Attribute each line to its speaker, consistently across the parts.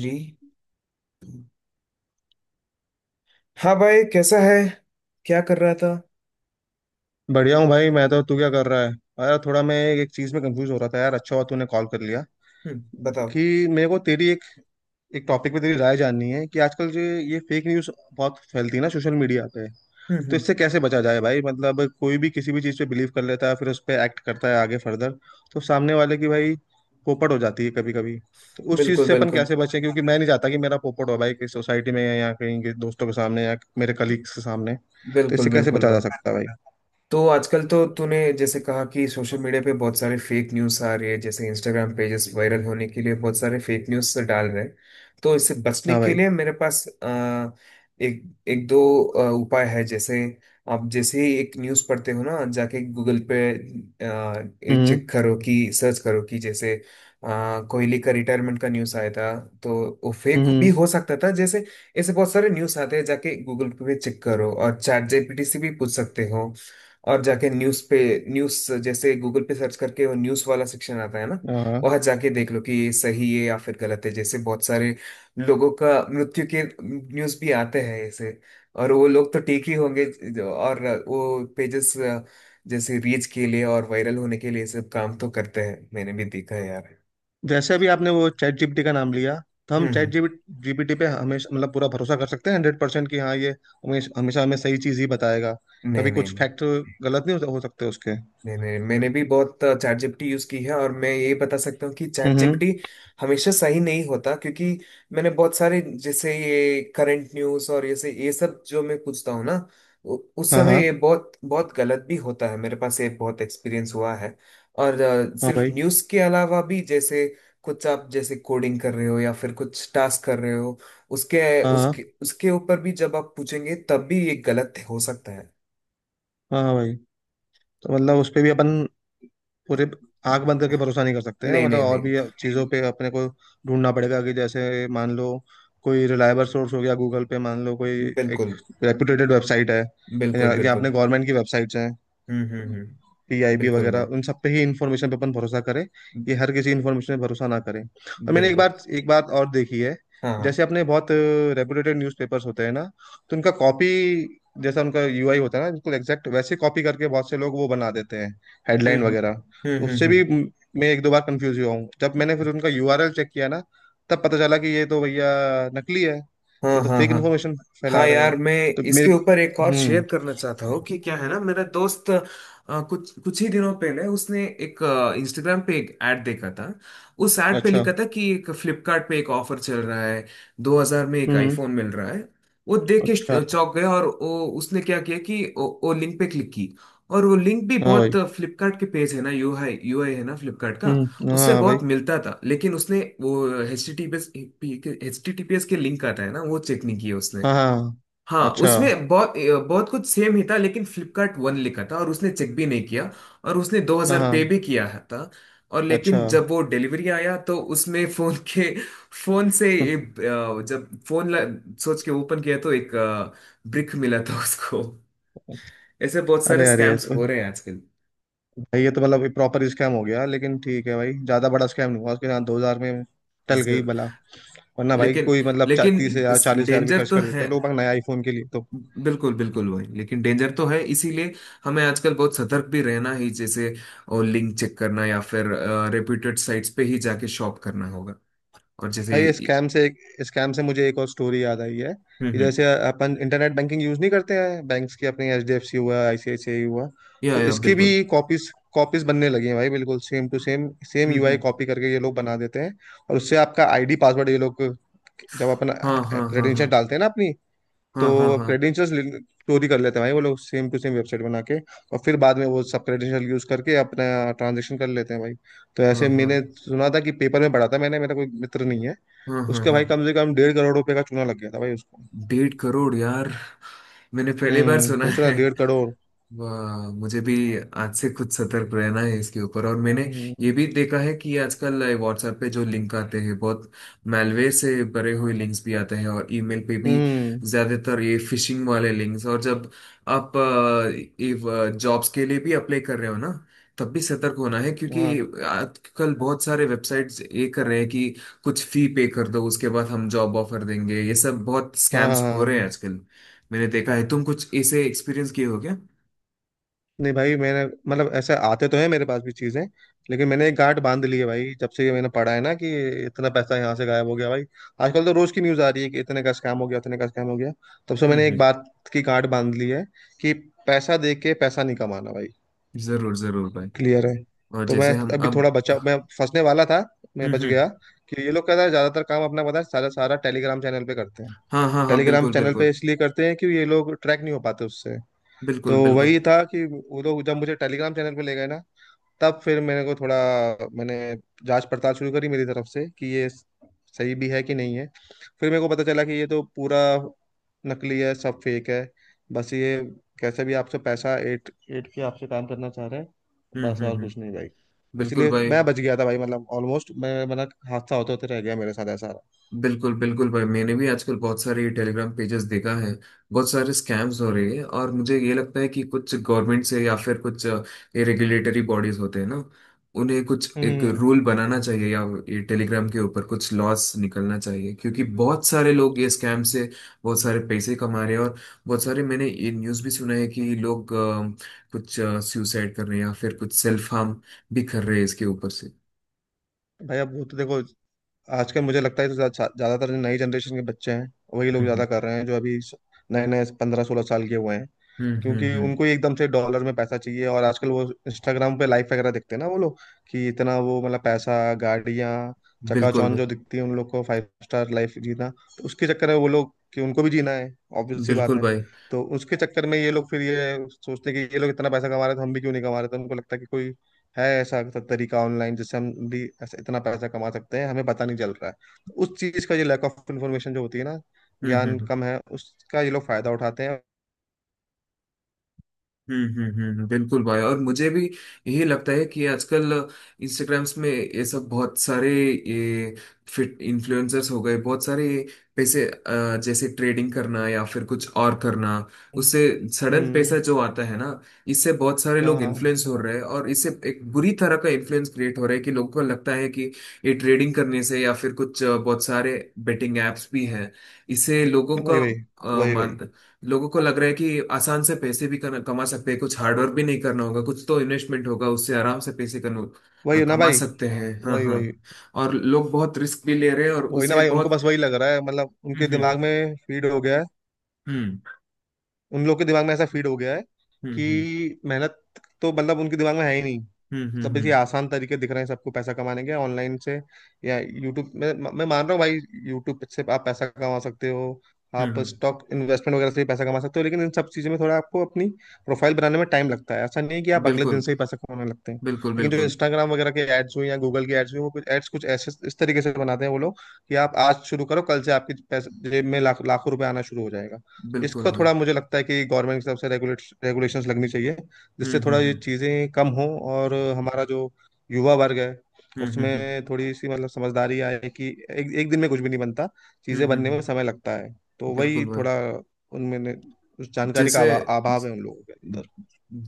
Speaker 1: जी। हाँ भाई, कैसा है? क्या कर रहा था?
Speaker 2: बढ़िया हूँ भाई। मैं तो तू क्या कर रहा है? यार थोड़ा मैं एक चीज में कंफ्यूज हो रहा था यार। अच्छा हुआ तूने कॉल कर लिया
Speaker 1: हम्म, बताओ।
Speaker 2: कि मेरे को तेरी एक एक टॉपिक पे तेरी राय जाननी है कि आजकल जो ये फेक न्यूज़ बहुत फैलती है ना सोशल मीडिया पे। तो
Speaker 1: हम्म।
Speaker 2: इससे कैसे बचा जाए भाई? मतलब कोई भी किसी भी चीज़ पे बिलीव कर लेता है, फिर उस पर एक्ट करता है आगे फर्दर। तो सामने वाले की भाई पोपट हो जाती है कभी कभी। तो उस चीज़
Speaker 1: बिल्कुल
Speaker 2: से अपन
Speaker 1: बिल्कुल।
Speaker 2: कैसे बचें? क्योंकि मैं नहीं चाहता कि मेरा पोपट हो भाई किसी सोसाइटी में, या कहीं के दोस्तों के सामने, या मेरे कलीग्स के सामने। तो
Speaker 1: बिल्कुल
Speaker 2: इससे कैसे
Speaker 1: बिल्कुल
Speaker 2: बचा जा
Speaker 1: भाई।
Speaker 2: सकता है भाई?
Speaker 1: तो आजकल तो तूने जैसे कहा कि सोशल मीडिया पे बहुत सारे फेक न्यूज़ आ रही है, जैसे इंस्टाग्राम पेजेस वायरल होने के लिए बहुत सारे फेक न्यूज़ डाल रहे हैं। तो इससे बचने
Speaker 2: हाँ
Speaker 1: के
Speaker 2: भाई।
Speaker 1: लिए मेरे पास एक एक दो उपाय है। जैसे आप जैसे ही एक न्यूज़ पढ़ते हो ना, जाके गूगल पे
Speaker 2: हम्म।
Speaker 1: चेक करो, कि सर्च करो कि जैसे कोहली का रिटायरमेंट का न्यूज़ आया था, तो वो फेक भी
Speaker 2: हम्म।
Speaker 1: हो सकता था। जैसे ऐसे बहुत सारे न्यूज़ आते हैं, जाके गूगल पे चेक करो, और चैट जीपीटी से भी पूछ सकते हो। और जाके न्यूज पे न्यूज, जैसे गूगल पे सर्च करके वो न्यूज वाला सेक्शन आता है ना,
Speaker 2: हाँ।
Speaker 1: वहां जाके देख लो कि ये सही है या फिर गलत है। जैसे बहुत सारे लोगों का मृत्यु के न्यूज भी आते हैं ऐसे, और वो लोग तो ठीक ही होंगे। और वो पेजेस जैसे रीच के लिए और वायरल होने के लिए ये सब काम तो करते हैं, मैंने भी देखा है यार।
Speaker 2: जैसे अभी आपने वो चैट जीपीटी का नाम लिया। तो हम चैट
Speaker 1: हम्म।
Speaker 2: जीपीटी पे हमेशा मतलब पूरा भरोसा कर सकते हैं 100% कि हाँ ये हमेशा हमेशा हमें सही चीज ही बताएगा?
Speaker 1: नहीं
Speaker 2: कभी
Speaker 1: नहीं।
Speaker 2: कुछ फैक्टर गलत नहीं हो सकते उसके?
Speaker 1: नहीं नहीं, मैंने भी बहुत चैट जीपीटी यूज की है, और मैं ये बता सकता हूँ कि चैट
Speaker 2: हम्म। हम्म।
Speaker 1: जीपीटी हमेशा सही नहीं होता, क्योंकि मैंने बहुत सारे, जैसे ये करंट न्यूज और जैसे ये सब जो मैं पूछता हूँ ना, उस
Speaker 2: हाँ
Speaker 1: समय
Speaker 2: हाँ।
Speaker 1: ये बहुत बहुत गलत भी होता है, मेरे पास ये बहुत एक्सपीरियंस हुआ है। और
Speaker 2: हाँ
Speaker 1: सिर्फ
Speaker 2: भाई।
Speaker 1: न्यूज के अलावा भी, जैसे कुछ आप जैसे कोडिंग कर रहे हो या फिर कुछ टास्क कर रहे हो, उसके
Speaker 2: हाँ
Speaker 1: उसके
Speaker 2: हाँ।
Speaker 1: उसके ऊपर भी जब आप पूछेंगे तब भी ये गलत हो सकता है।
Speaker 2: हाँ हाँ भाई। तो मतलब उस पे भी अपन पूरे आंख बंद करके भरोसा नहीं कर सकते हैं।
Speaker 1: नहीं
Speaker 2: मतलब
Speaker 1: नहीं
Speaker 2: और
Speaker 1: नहीं।
Speaker 2: भी चीज़ों पे अपने को ढूंढना पड़ेगा कि जैसे मान लो कोई रिलायबल सोर्स हो गया गूगल पे, मान लो कोई एक
Speaker 1: बिल्कुल
Speaker 2: रेपुटेटेड वेबसाइट है, या
Speaker 1: बिल्कुल
Speaker 2: या
Speaker 1: बिल्कुल।
Speaker 2: अपने गवर्नमेंट की वेबसाइट्स हैं।
Speaker 1: हम्म।
Speaker 2: पीआईबी
Speaker 1: बिल्कुल
Speaker 2: वगैरह,
Speaker 1: भाई।
Speaker 2: उन सब पे ही इंफॉर्मेशन पे अपन भरोसा करें। ये हर किसी इंफॉर्मेशन पे भरोसा ना करें। और मैंने एक
Speaker 1: बिल्कुल।
Speaker 2: बात एक बात और देखी है।
Speaker 1: हाँ हाँ।
Speaker 2: जैसे अपने बहुत रेपुटेड न्यूज़पेपर्स होते हैं ना, तो उनका कॉपी, जैसा उनका यूआई होता है ना, बिल्कुल एग्जैक्ट वैसे कॉपी करके बहुत से लोग वो बना देते हैं, हेडलाइन
Speaker 1: हम्म हम्म
Speaker 2: वगैरह। तो उससे भी
Speaker 1: हम्म।
Speaker 2: मैं एक दो बार कंफ्यूज हुआ हूँ। जब मैंने फिर उनका यूआरएल चेक किया ना, तब पता चला कि ये तो भैया नकली है।
Speaker 1: हाँ
Speaker 2: ये तो
Speaker 1: हाँ
Speaker 2: फेक
Speaker 1: हाँ।
Speaker 2: इन्फॉर्मेशन फैला
Speaker 1: हाँ
Speaker 2: रहे हैं।
Speaker 1: यार, मैं
Speaker 2: तो मेरे।
Speaker 1: इसके ऊपर एक और शेयर
Speaker 2: हम्म।
Speaker 1: करना चाहता हूँ। कि क्या है ना, मेरा दोस्त कुछ कुछ ही दिनों पहले उसने एक इंस्टाग्राम पे एक ऐड देखा था। उस ऐड पे
Speaker 2: अच्छा।
Speaker 1: लिखा था कि एक फ्लिपकार्ट पे एक ऑफर चल रहा है, 2000 में एक
Speaker 2: हम्म।
Speaker 1: आईफोन मिल रहा है। वो देख के
Speaker 2: अच्छा।
Speaker 1: चौंक गया, और वो उसने क्या किया कि वो लिंक पे क्लिक की। और वो लिंक भी
Speaker 2: हाँ भाई।
Speaker 1: बहुत फ्लिपकार्ट के पेज है ना, UI UI है ना फ्लिपकार्ट का,
Speaker 2: हम्म।
Speaker 1: उससे
Speaker 2: हाँ
Speaker 1: बहुत
Speaker 2: भाई।
Speaker 1: मिलता था, लेकिन उसने वो H T T P S H T T P S के लिंक आता है ना, वो चेक नहीं किया उसने।
Speaker 2: हाँ हाँ।
Speaker 1: हाँ,
Speaker 2: अच्छा।
Speaker 1: उसमें बहुत बहुत कुछ सेम ही था, लेकिन फ्लिपकार्ट वन लिखा था, और उसने चेक भी नहीं किया, और उसने
Speaker 2: हाँ
Speaker 1: 2000 पे
Speaker 2: हाँ।
Speaker 1: भी किया था। और
Speaker 2: अच्छा।
Speaker 1: लेकिन जब वो डिलीवरी आया तो उसमें फोन के फोन से
Speaker 2: हम्म।
Speaker 1: एक, जब फोन सोच के ओपन किया तो एक ब्रिक मिला था उसको। ऐसे बहुत सारे
Speaker 2: अरे अरे ये
Speaker 1: स्कैम्स
Speaker 2: तो
Speaker 1: हो रहे हैं आजकल।
Speaker 2: भाई, ये तो मतलब प्रॉपर स्कैम हो गया। लेकिन ठीक है भाई, ज्यादा बड़ा स्कैम नहीं हुआ उसके साथ, 2 हजार में टल गई
Speaker 1: जर,
Speaker 2: भला। वरना भाई
Speaker 1: लेकिन
Speaker 2: कोई मतलब 30 हजार
Speaker 1: लेकिन
Speaker 2: 40 हजार भी
Speaker 1: डेंजर
Speaker 2: खर्च
Speaker 1: तो
Speaker 2: कर देते
Speaker 1: है।
Speaker 2: हैं लोग अपना नया आईफोन के लिए तो।
Speaker 1: बिल्कुल बिल्कुल वही, लेकिन डेंजर तो है, इसीलिए हमें आजकल बहुत सतर्क भी रहना ही। जैसे और लिंक चेक करना, या फिर रेप्यूटेड साइट्स पे ही जाके शॉप करना होगा। और जैसे।
Speaker 2: भाई स्कैम से मुझे एक और स्टोरी याद आई है कि
Speaker 1: हम्म।
Speaker 2: जैसे अपन इंटरनेट बैंकिंग यूज नहीं करते हैं बैंक्स की, अपनी एचडीएफसी हुआ, आईसीआईसीआई हुआ।
Speaker 1: या
Speaker 2: तो
Speaker 1: या
Speaker 2: इसकी भी
Speaker 1: बिल्कुल।
Speaker 2: कॉपीज कॉपीज बनने लगी हैं भाई, बिल्कुल सेम टू सेम सेम
Speaker 1: हम्म
Speaker 2: यूआई
Speaker 1: हम्म।
Speaker 2: कॉपी करके ये लोग बना देते हैं। और उससे आपका आईडी पासवर्ड ये लोग, जब अपन
Speaker 1: हाँ हाँ। हाँ हाँ।
Speaker 2: क्रेडेंशियल डालते हैं ना अपनी, तो
Speaker 1: हाँ हाँ।
Speaker 2: अब
Speaker 1: हाँ
Speaker 2: क्रेडेंशियल्स चोरी कर लेते हैं भाई वो लोग, सेम टू सेम वेबसाइट बना के। और फिर बाद में वो सब क्रेडेंशियल यूज करके अपना ट्रांजेक्शन कर लेते हैं भाई। तो ऐसे
Speaker 1: हाँ।
Speaker 2: मैंने
Speaker 1: हाँ
Speaker 2: सुना था, कि पेपर में पढ़ा था मैंने। मेरा कोई मित्र नहीं है,
Speaker 1: हाँ। हाँ
Speaker 2: उसका
Speaker 1: हाँ।
Speaker 2: भाई, कम से कम 1.5 करोड़ रुपए का चूना लग गया था भाई उसको।
Speaker 1: 1.5 करोड़ यार, मैंने पहली बार
Speaker 2: हम्म,
Speaker 1: सुना
Speaker 2: सोच रहा
Speaker 1: है।
Speaker 2: है 1.5 करोड़।
Speaker 1: वाह, मुझे भी आज से कुछ सतर्क रहना है इसके ऊपर। और मैंने
Speaker 2: हम्म।
Speaker 1: ये भी देखा है कि आजकल व्हाट्सएप पे जो लिंक आते हैं, बहुत मैलवेयर से भरे हुए लिंक्स भी आते हैं, और ईमेल पे भी
Speaker 2: हम्म।
Speaker 1: ज्यादातर ये फिशिंग वाले लिंक्स। और जब आप ये जॉब्स के लिए भी अप्लाई कर रहे हो ना, तब भी सतर्क होना है, क्योंकि
Speaker 2: हाँ,
Speaker 1: आजकल बहुत सारे वेबसाइट्स ये कर रहे हैं कि कुछ फी पे कर दो, उसके बाद हम जॉब ऑफर देंगे, ये सब बहुत
Speaker 2: हाँ, हाँ,
Speaker 1: स्कैम्स
Speaker 2: हाँ,
Speaker 1: हो रहे हैं
Speaker 2: हाँ।
Speaker 1: आजकल। मैंने देखा है, तुम कुछ ऐसे एक्सपीरियंस किए हो क्या?
Speaker 2: नहीं भाई, मैंने मतलब ऐसे आते तो है मेरे पास भी चीजें। लेकिन मैंने एक गांठ बांध ली है भाई, जब से ये मैंने पढ़ा है ना कि इतना पैसा यहाँ से गायब हो गया भाई। आजकल तो रोज की न्यूज आ रही है कि इतने का स्कैम हो गया, इतने का स्कैम हो गया। तब से मैंने
Speaker 1: हम्म।
Speaker 2: एक बात की गांठ बांध ली है कि पैसा दे के पैसा नहीं कमाना भाई।
Speaker 1: जरूर जरूर भाई।
Speaker 2: क्लियर है।
Speaker 1: और
Speaker 2: तो मैं
Speaker 1: जैसे हम
Speaker 2: अभी थोड़ा
Speaker 1: अब।
Speaker 2: बचा, मैं फंसने वाला था, मैं बच
Speaker 1: हम्म।
Speaker 2: गया। कि ये लोग, कहता है ज्यादातर काम अपना पता है सारा, सारा टेलीग्राम चैनल पे करते हैं।
Speaker 1: हाँ हाँ हाँ।
Speaker 2: टेलीग्राम
Speaker 1: बिल्कुल
Speaker 2: चैनल पे
Speaker 1: बिल्कुल।
Speaker 2: इसलिए करते हैं कि ये लोग ट्रैक नहीं हो पाते उससे। तो
Speaker 1: बिल्कुल बिल्कुल।
Speaker 2: वही था कि वो लोग जब मुझे टेलीग्राम चैनल पे ले गए ना, तब फिर मेरे को थोड़ा, मैंने जांच पड़ताल शुरू करी मेरी तरफ से कि ये सही भी है कि नहीं है। फिर मेरे को पता चला कि ये तो पूरा नकली है, सब फेक है। बस ये, कैसे भी आपसे पैसा एट एट के आपसे काम करना चाह रहे हैं। बस और
Speaker 1: हम्म।
Speaker 2: कुछ नहीं भाई।
Speaker 1: बिल्कुल
Speaker 2: इसलिए तो
Speaker 1: भाई।
Speaker 2: मैं बच गया था भाई, मतलब ऑलमोस्ट मैं, मतलब हादसा होते होते रह गया मेरे साथ ऐसा।
Speaker 1: बिल्कुल बिल्कुल भाई, मैंने भी आजकल बहुत सारे टेलीग्राम पेजेस देखा है, बहुत सारे स्कैम्स हो रहे हैं। और मुझे ये लगता है कि कुछ गवर्नमेंट से या फिर कुछ ये रेगुलेटरी बॉडीज होते हैं ना, उन्हें कुछ एक
Speaker 2: हम्म।
Speaker 1: रूल बनाना चाहिए, या ये टेलीग्राम के ऊपर कुछ लॉस निकलना चाहिए, क्योंकि बहुत सारे लोग ये स्कैम से बहुत सारे पैसे कमा रहे हैं। और बहुत सारे मैंने ये न्यूज़ भी सुना है कि लोग कुछ सुसाइड कर रहे हैं या फिर कुछ सेल्फ हार्म भी कर रहे हैं इसके ऊपर से।
Speaker 2: भाई अब वो तो देखो, आजकल मुझे लगता है तो ज्या- ज्या- ज्यादातर जो नई जनरेशन के बच्चे हैं, वही लोग
Speaker 1: हम्म
Speaker 2: ज्यादा कर रहे हैं, जो अभी नए नए 15-16 साल के हुए हैं।
Speaker 1: हम्म हम्म
Speaker 2: क्योंकि
Speaker 1: हम्म हम्म।
Speaker 2: उनको ही एकदम से डॉलर में पैसा चाहिए। और आजकल वो इंस्टाग्राम पे लाइफ वगैरह देखते हैं ना वो लोग, कि इतना वो मतलब पैसा, गाड़ियाँ,
Speaker 1: बिल्कुल
Speaker 2: चकाचौंध जो दिखती है उन लोग को, फाइव स्टार लाइफ जीना, तो उसके चक्कर में वो लोग, कि उनको भी जीना है। ऑब्वियस सी बात
Speaker 1: बिल्कुल
Speaker 2: है।
Speaker 1: भाई।
Speaker 2: तो उसके चक्कर में ये लोग फिर ये सोचते हैं कि ये लोग इतना पैसा कमा रहे थे, हम भी क्यों नहीं कमा रहे? तो उनको लगता है कि कोई है ऐसा तरीका ऑनलाइन, जिससे हम भी ऐसे इतना पैसा कमा सकते हैं, हमें पता नहीं चल रहा है। तो उस चीज का ये लैक ऑफ इन्फॉर्मेशन जो होती है ना,
Speaker 1: हम्म
Speaker 2: ज्ञान
Speaker 1: हम्म
Speaker 2: कम है उसका, ये लोग फायदा उठाते हैं।
Speaker 1: बिल्कुल भाई, और मुझे भी यही लगता है कि आजकल इंस्टाग्राम्स में ये सब बहुत सारे, ये फिट इन्फ्लुएंसर्स हो गए बहुत सारे, पैसे जैसे ट्रेडिंग करना या फिर कुछ और करना, उससे सडन
Speaker 2: हम्म।
Speaker 1: पैसा जो आता है ना, इससे बहुत सारे
Speaker 2: हाँ
Speaker 1: लोग
Speaker 2: हाँ।
Speaker 1: इन्फ्लुएंस हो रहे हैं। और इससे एक बुरी तरह का इन्फ्लुएंस क्रिएट हो रहा है, कि लोगों को लगता है कि ये ट्रेडिंग करने से या फिर कुछ बहुत सारे बेटिंग एप्स भी हैं। इससे
Speaker 2: वही, वही, वही, वही।
Speaker 1: लोगों को लग रहा है कि आसान से पैसे भी कमा सकते हैं, कुछ हार्डवर्क भी नहीं करना होगा, कुछ तो इन्वेस्टमेंट होगा, उससे आराम से पैसे
Speaker 2: वही है ना
Speaker 1: कमा
Speaker 2: भाई,
Speaker 1: सकते हैं। हाँ
Speaker 2: वही
Speaker 1: हाँ।
Speaker 2: वही।
Speaker 1: और लोग बहुत रिस्क भी ले रहे हैं, और
Speaker 2: वही ना
Speaker 1: उसे
Speaker 2: भाई, उनको
Speaker 1: बहुत।
Speaker 2: बस वही लग रहा है, मतलब उनके
Speaker 1: हम्म
Speaker 2: दिमाग में फीड हो गया है।
Speaker 1: हम्म
Speaker 2: उन लोग के दिमाग में ऐसा फीड हो गया है
Speaker 1: हम्म हम्म
Speaker 2: कि मेहनत तो मतलब उनके दिमाग में है ही नहीं।
Speaker 1: हम्म हम्म
Speaker 2: सब ये
Speaker 1: हम्म
Speaker 2: आसान तरीके दिख रहे हैं सबको पैसा कमाने के ऑनलाइन से या यूट्यूब। मैं मान रहा हूँ भाई, यूट्यूब से आप पैसा कमा सकते हो।
Speaker 1: हम्म,
Speaker 2: आप
Speaker 1: हम्म,
Speaker 2: स्टॉक इन्वेस्टमेंट वगैरह से भी पैसा कमा सकते हो। लेकिन इन सब चीज़ों में थोड़ा आपको अपनी प्रोफाइल बनाने में टाइम लगता है। ऐसा नहीं है कि आप अगले
Speaker 1: बिल्कुल
Speaker 2: दिन से ही पैसा कमाने लगते हैं।
Speaker 1: बिल्कुल।
Speaker 2: लेकिन जो
Speaker 1: बिल्कुल
Speaker 2: इंस्टाग्राम वगैरह के एड्स हुए या गूगल के एड्स हुए, वो कुछ एड्स कुछ ऐसे इस तरीके से बनाते हैं वो लोग, कि आप आज शुरू करो, कल से आपकी पैसे जेब में लाख लाखों रुपए आना शुरू हो जाएगा।
Speaker 1: बिल्कुल
Speaker 2: इसको
Speaker 1: भाई।
Speaker 2: थोड़ा मुझे लगता है कि गवर्नमेंट की तरफ से रेगुलेट रेगुलेशंस लगनी चाहिए, जिससे
Speaker 1: हम्म
Speaker 2: थोड़ा ये
Speaker 1: हम्म
Speaker 2: चीज़ें कम हों, और हमारा जो युवा वर्ग है
Speaker 1: हम्म हम्म हम्म
Speaker 2: उसमें थोड़ी सी मतलब समझदारी आए कि एक एक दिन में कुछ भी नहीं बनता,
Speaker 1: हम्म
Speaker 2: चीज़ें
Speaker 1: हम्म,
Speaker 2: बनने में
Speaker 1: हम्म,
Speaker 2: समय लगता है। तो वही
Speaker 1: बिल्कुल भाई।
Speaker 2: थोड़ा उनमें उस जानकारी का
Speaker 1: जैसे
Speaker 2: अभाव है उन लोगों के अंदर।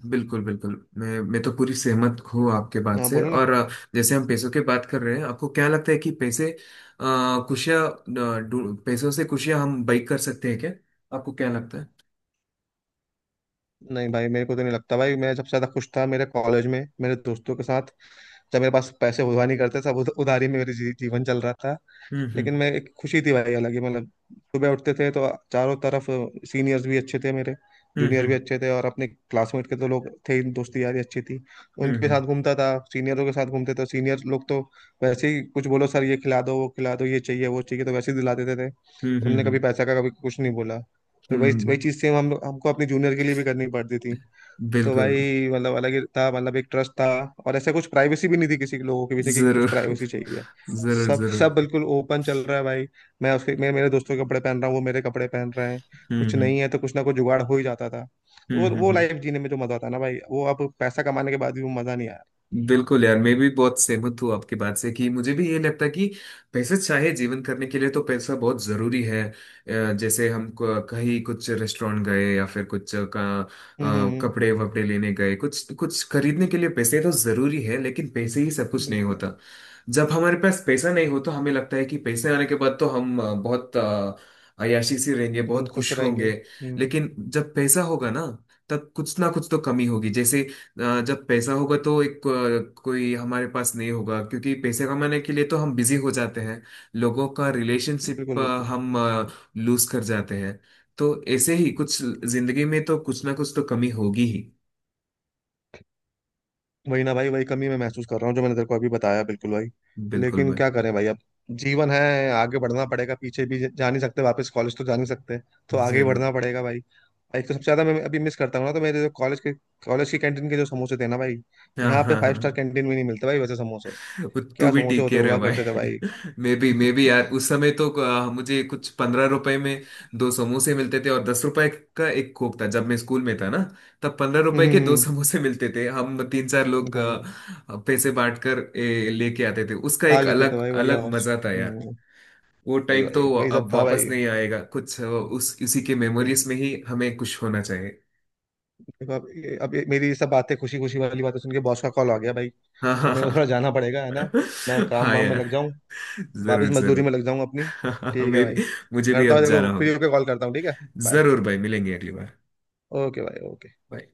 Speaker 1: बिल्कुल बिल्कुल, मैं तो पूरी सहमत हूँ आपके बात
Speaker 2: हाँ,
Speaker 1: से,
Speaker 2: बोलो ना।
Speaker 1: और जैसे हम पैसों की बात कर रहे हैं, आपको क्या लगता है कि पैसे खुशियाँ पैसों से खुशियाँ हम बाइक कर सकते हैं क्या? आपको क्या लगता है?
Speaker 2: नहीं भाई, मेरे को तो नहीं लगता भाई। मैं जब से ज्यादा खुश था मेरे कॉलेज में मेरे दोस्तों के साथ। जब मेरे पास पैसे हुआ नहीं करते, सब उधारी में मेरे जीवन चल रहा था।
Speaker 1: हम्म
Speaker 2: लेकिन मैं, एक खुशी थी भाई अलग ही मतलब। सुबह उठते थे तो चारों तरफ सीनियर्स भी अच्छे थे मेरे,
Speaker 1: हम्म
Speaker 2: जूनियर भी
Speaker 1: हम्म
Speaker 2: अच्छे थे, और अपने क्लासमेट के तो लोग थे ही, दोस्ती यारी अच्छी थी।
Speaker 1: हम्म
Speaker 2: उनके
Speaker 1: हम्म
Speaker 2: साथ घूमता था, सीनियरों के साथ घूमते थे, सीनियर लोग तो वैसे ही, कुछ बोलो सर, ये खिला दो, वो खिला दो, ये चाहिए, वो चाहिए, तो वैसे ही दिला देते थे।
Speaker 1: हम्म हम्म
Speaker 2: उनने कभी
Speaker 1: हम्म,
Speaker 2: पैसा का कभी कुछ नहीं बोला। तो वही
Speaker 1: हम्म,
Speaker 2: वही चीज़ सेम हम हमको अपने जूनियर के लिए भी करनी पड़ती थी। तो
Speaker 1: बिल्कुल।
Speaker 2: भाई मतलब अलग ही था, मतलब एक ट्रस्ट था। और ऐसा कुछ प्राइवेसी भी नहीं थी, किसी के लोगों के पीछे की कुछ
Speaker 1: जरूर
Speaker 2: प्राइवेसी चाहिए।
Speaker 1: जरूर
Speaker 2: सब
Speaker 1: जरूर।
Speaker 2: सब बिल्कुल ओपन चल रहा है भाई। मैं मेरे दोस्तों के कपड़े पहन रहा हूँ, वो मेरे कपड़े पहन रहे हैं।
Speaker 1: हम्म
Speaker 2: कुछ
Speaker 1: हम्म
Speaker 2: नहीं है तो कुछ ना कुछ जुगाड़ हो ही जाता था। तो वो
Speaker 1: हम्म हम्म
Speaker 2: वो
Speaker 1: हम्म।
Speaker 2: लाइफ जीने में जो मजा आता है ना भाई, वो अब पैसा कमाने के बाद भी वो मजा नहीं आया।
Speaker 1: बिल्कुल यार, मैं भी बहुत सहमत हूँ आपकी बात से, कि मुझे भी ये लगता है कि पैसे, चाहे जीवन करने के लिए तो पैसा बहुत जरूरी है। जैसे हम कहीं कुछ रेस्टोरेंट गए या फिर कुछ का
Speaker 2: हम्म। हम्म।
Speaker 1: कपड़े वपड़े लेने गए, कुछ कुछ खरीदने के लिए पैसे तो जरूरी है, लेकिन पैसे ही सब कुछ नहीं
Speaker 2: बिल्कुल।
Speaker 1: होता। जब हमारे पास पैसा नहीं हो तो हमें लगता है कि पैसे आने के बाद तो हम बहुत अय्याशी से रहेंगे,
Speaker 2: हम
Speaker 1: बहुत
Speaker 2: खुश
Speaker 1: खुश
Speaker 2: रहेंगे।
Speaker 1: होंगे।
Speaker 2: हम्म।
Speaker 1: लेकिन जब पैसा होगा ना, तब कुछ ना कुछ तो कमी होगी। जैसे जब पैसा होगा तो एक कोई हमारे पास नहीं होगा, क्योंकि पैसे कमाने के लिए तो हम बिजी हो जाते हैं। लोगों का रिलेशनशिप
Speaker 2: बिल्कुल बिल्कुल।
Speaker 1: हम लूज कर जाते हैं। तो ऐसे ही कुछ, जिंदगी में तो कुछ ना कुछ तो कमी होगी ही।
Speaker 2: वही ना भाई, वही कमी मैं महसूस कर रहा हूँ जो मैंने तेरे को अभी बताया, बिल्कुल भाई।
Speaker 1: बिल्कुल
Speaker 2: लेकिन
Speaker 1: भाई।
Speaker 2: क्या करें भाई अब, जीवन है, आगे बढ़ना पड़ेगा, पीछे भी जा नहीं सकते, वापस कॉलेज तो जा नहीं सकते, तो आगे ही बढ़ना
Speaker 1: जरूर।
Speaker 2: पड़ेगा भाई। एक तो सबसे ज्यादा मैं अभी मिस करता हूँ ना, तो मेरे जो कॉलेज की कैंटीन के जो समोसे थे ना भाई,
Speaker 1: हाँ
Speaker 2: यहाँ पे
Speaker 1: हाँ
Speaker 2: फाइव स्टार
Speaker 1: हाँ।
Speaker 2: कैंटीन में नहीं मिलते भाई वैसे समोसे।
Speaker 1: तू
Speaker 2: क्या
Speaker 1: भी
Speaker 2: समोसे
Speaker 1: ठीक
Speaker 2: होते
Speaker 1: कह रहे
Speaker 2: हुआ
Speaker 1: हो भाई।
Speaker 2: करते थे भाई!
Speaker 1: मे बी यार, उस समय तो मुझे कुछ 15 रुपए में दो समोसे मिलते थे, और 10 रुपए का एक कोक था, जब मैं स्कूल में था ना, तब 15 रुपए
Speaker 2: हम्म।
Speaker 1: के दो
Speaker 2: हम्म।
Speaker 1: समोसे मिलते थे। हम तीन चार लोग
Speaker 2: भाई,
Speaker 1: पैसे बांट कर लेके आते थे, उसका
Speaker 2: खा
Speaker 1: एक
Speaker 2: लेते थे
Speaker 1: अलग
Speaker 2: भाई बढ़िया।
Speaker 1: अलग मजा था यार।
Speaker 2: हम्म।
Speaker 1: वो
Speaker 2: भाई
Speaker 1: टाइम
Speaker 2: भाई
Speaker 1: तो
Speaker 2: वही सब
Speaker 1: अब
Speaker 2: था
Speaker 1: वापस
Speaker 2: भाई।
Speaker 1: नहीं आएगा, कुछ उस उसी के मेमोरीज
Speaker 2: बिल्कुल।
Speaker 1: में ही हमें कुछ होना चाहिए।
Speaker 2: देखो मेरी ये सब बातें, खुशी खुशी वाली बातें सुन के बॉस का कॉल आ गया भाई, तो अब मेरे को
Speaker 1: हाँ
Speaker 2: थोड़ा जाना पड़ेगा है ना। मैं काम वाम में
Speaker 1: यार।
Speaker 2: लग जाऊँ, वापस
Speaker 1: जरूर
Speaker 2: मजदूरी में
Speaker 1: जरूर
Speaker 2: लग जाऊँ अपनी। ठीक है
Speaker 1: मे
Speaker 2: भाई।
Speaker 1: भी। मुझे भी
Speaker 2: करता
Speaker 1: अब
Speaker 2: हूँ, देखो
Speaker 1: जाना
Speaker 2: फ्री
Speaker 1: होगा।
Speaker 2: होके कॉल करता हूँ, ठीक है। बाय।
Speaker 1: जरूर भाई, मिलेंगे अगली बार।
Speaker 2: ओके भाई, ओके।
Speaker 1: Bye।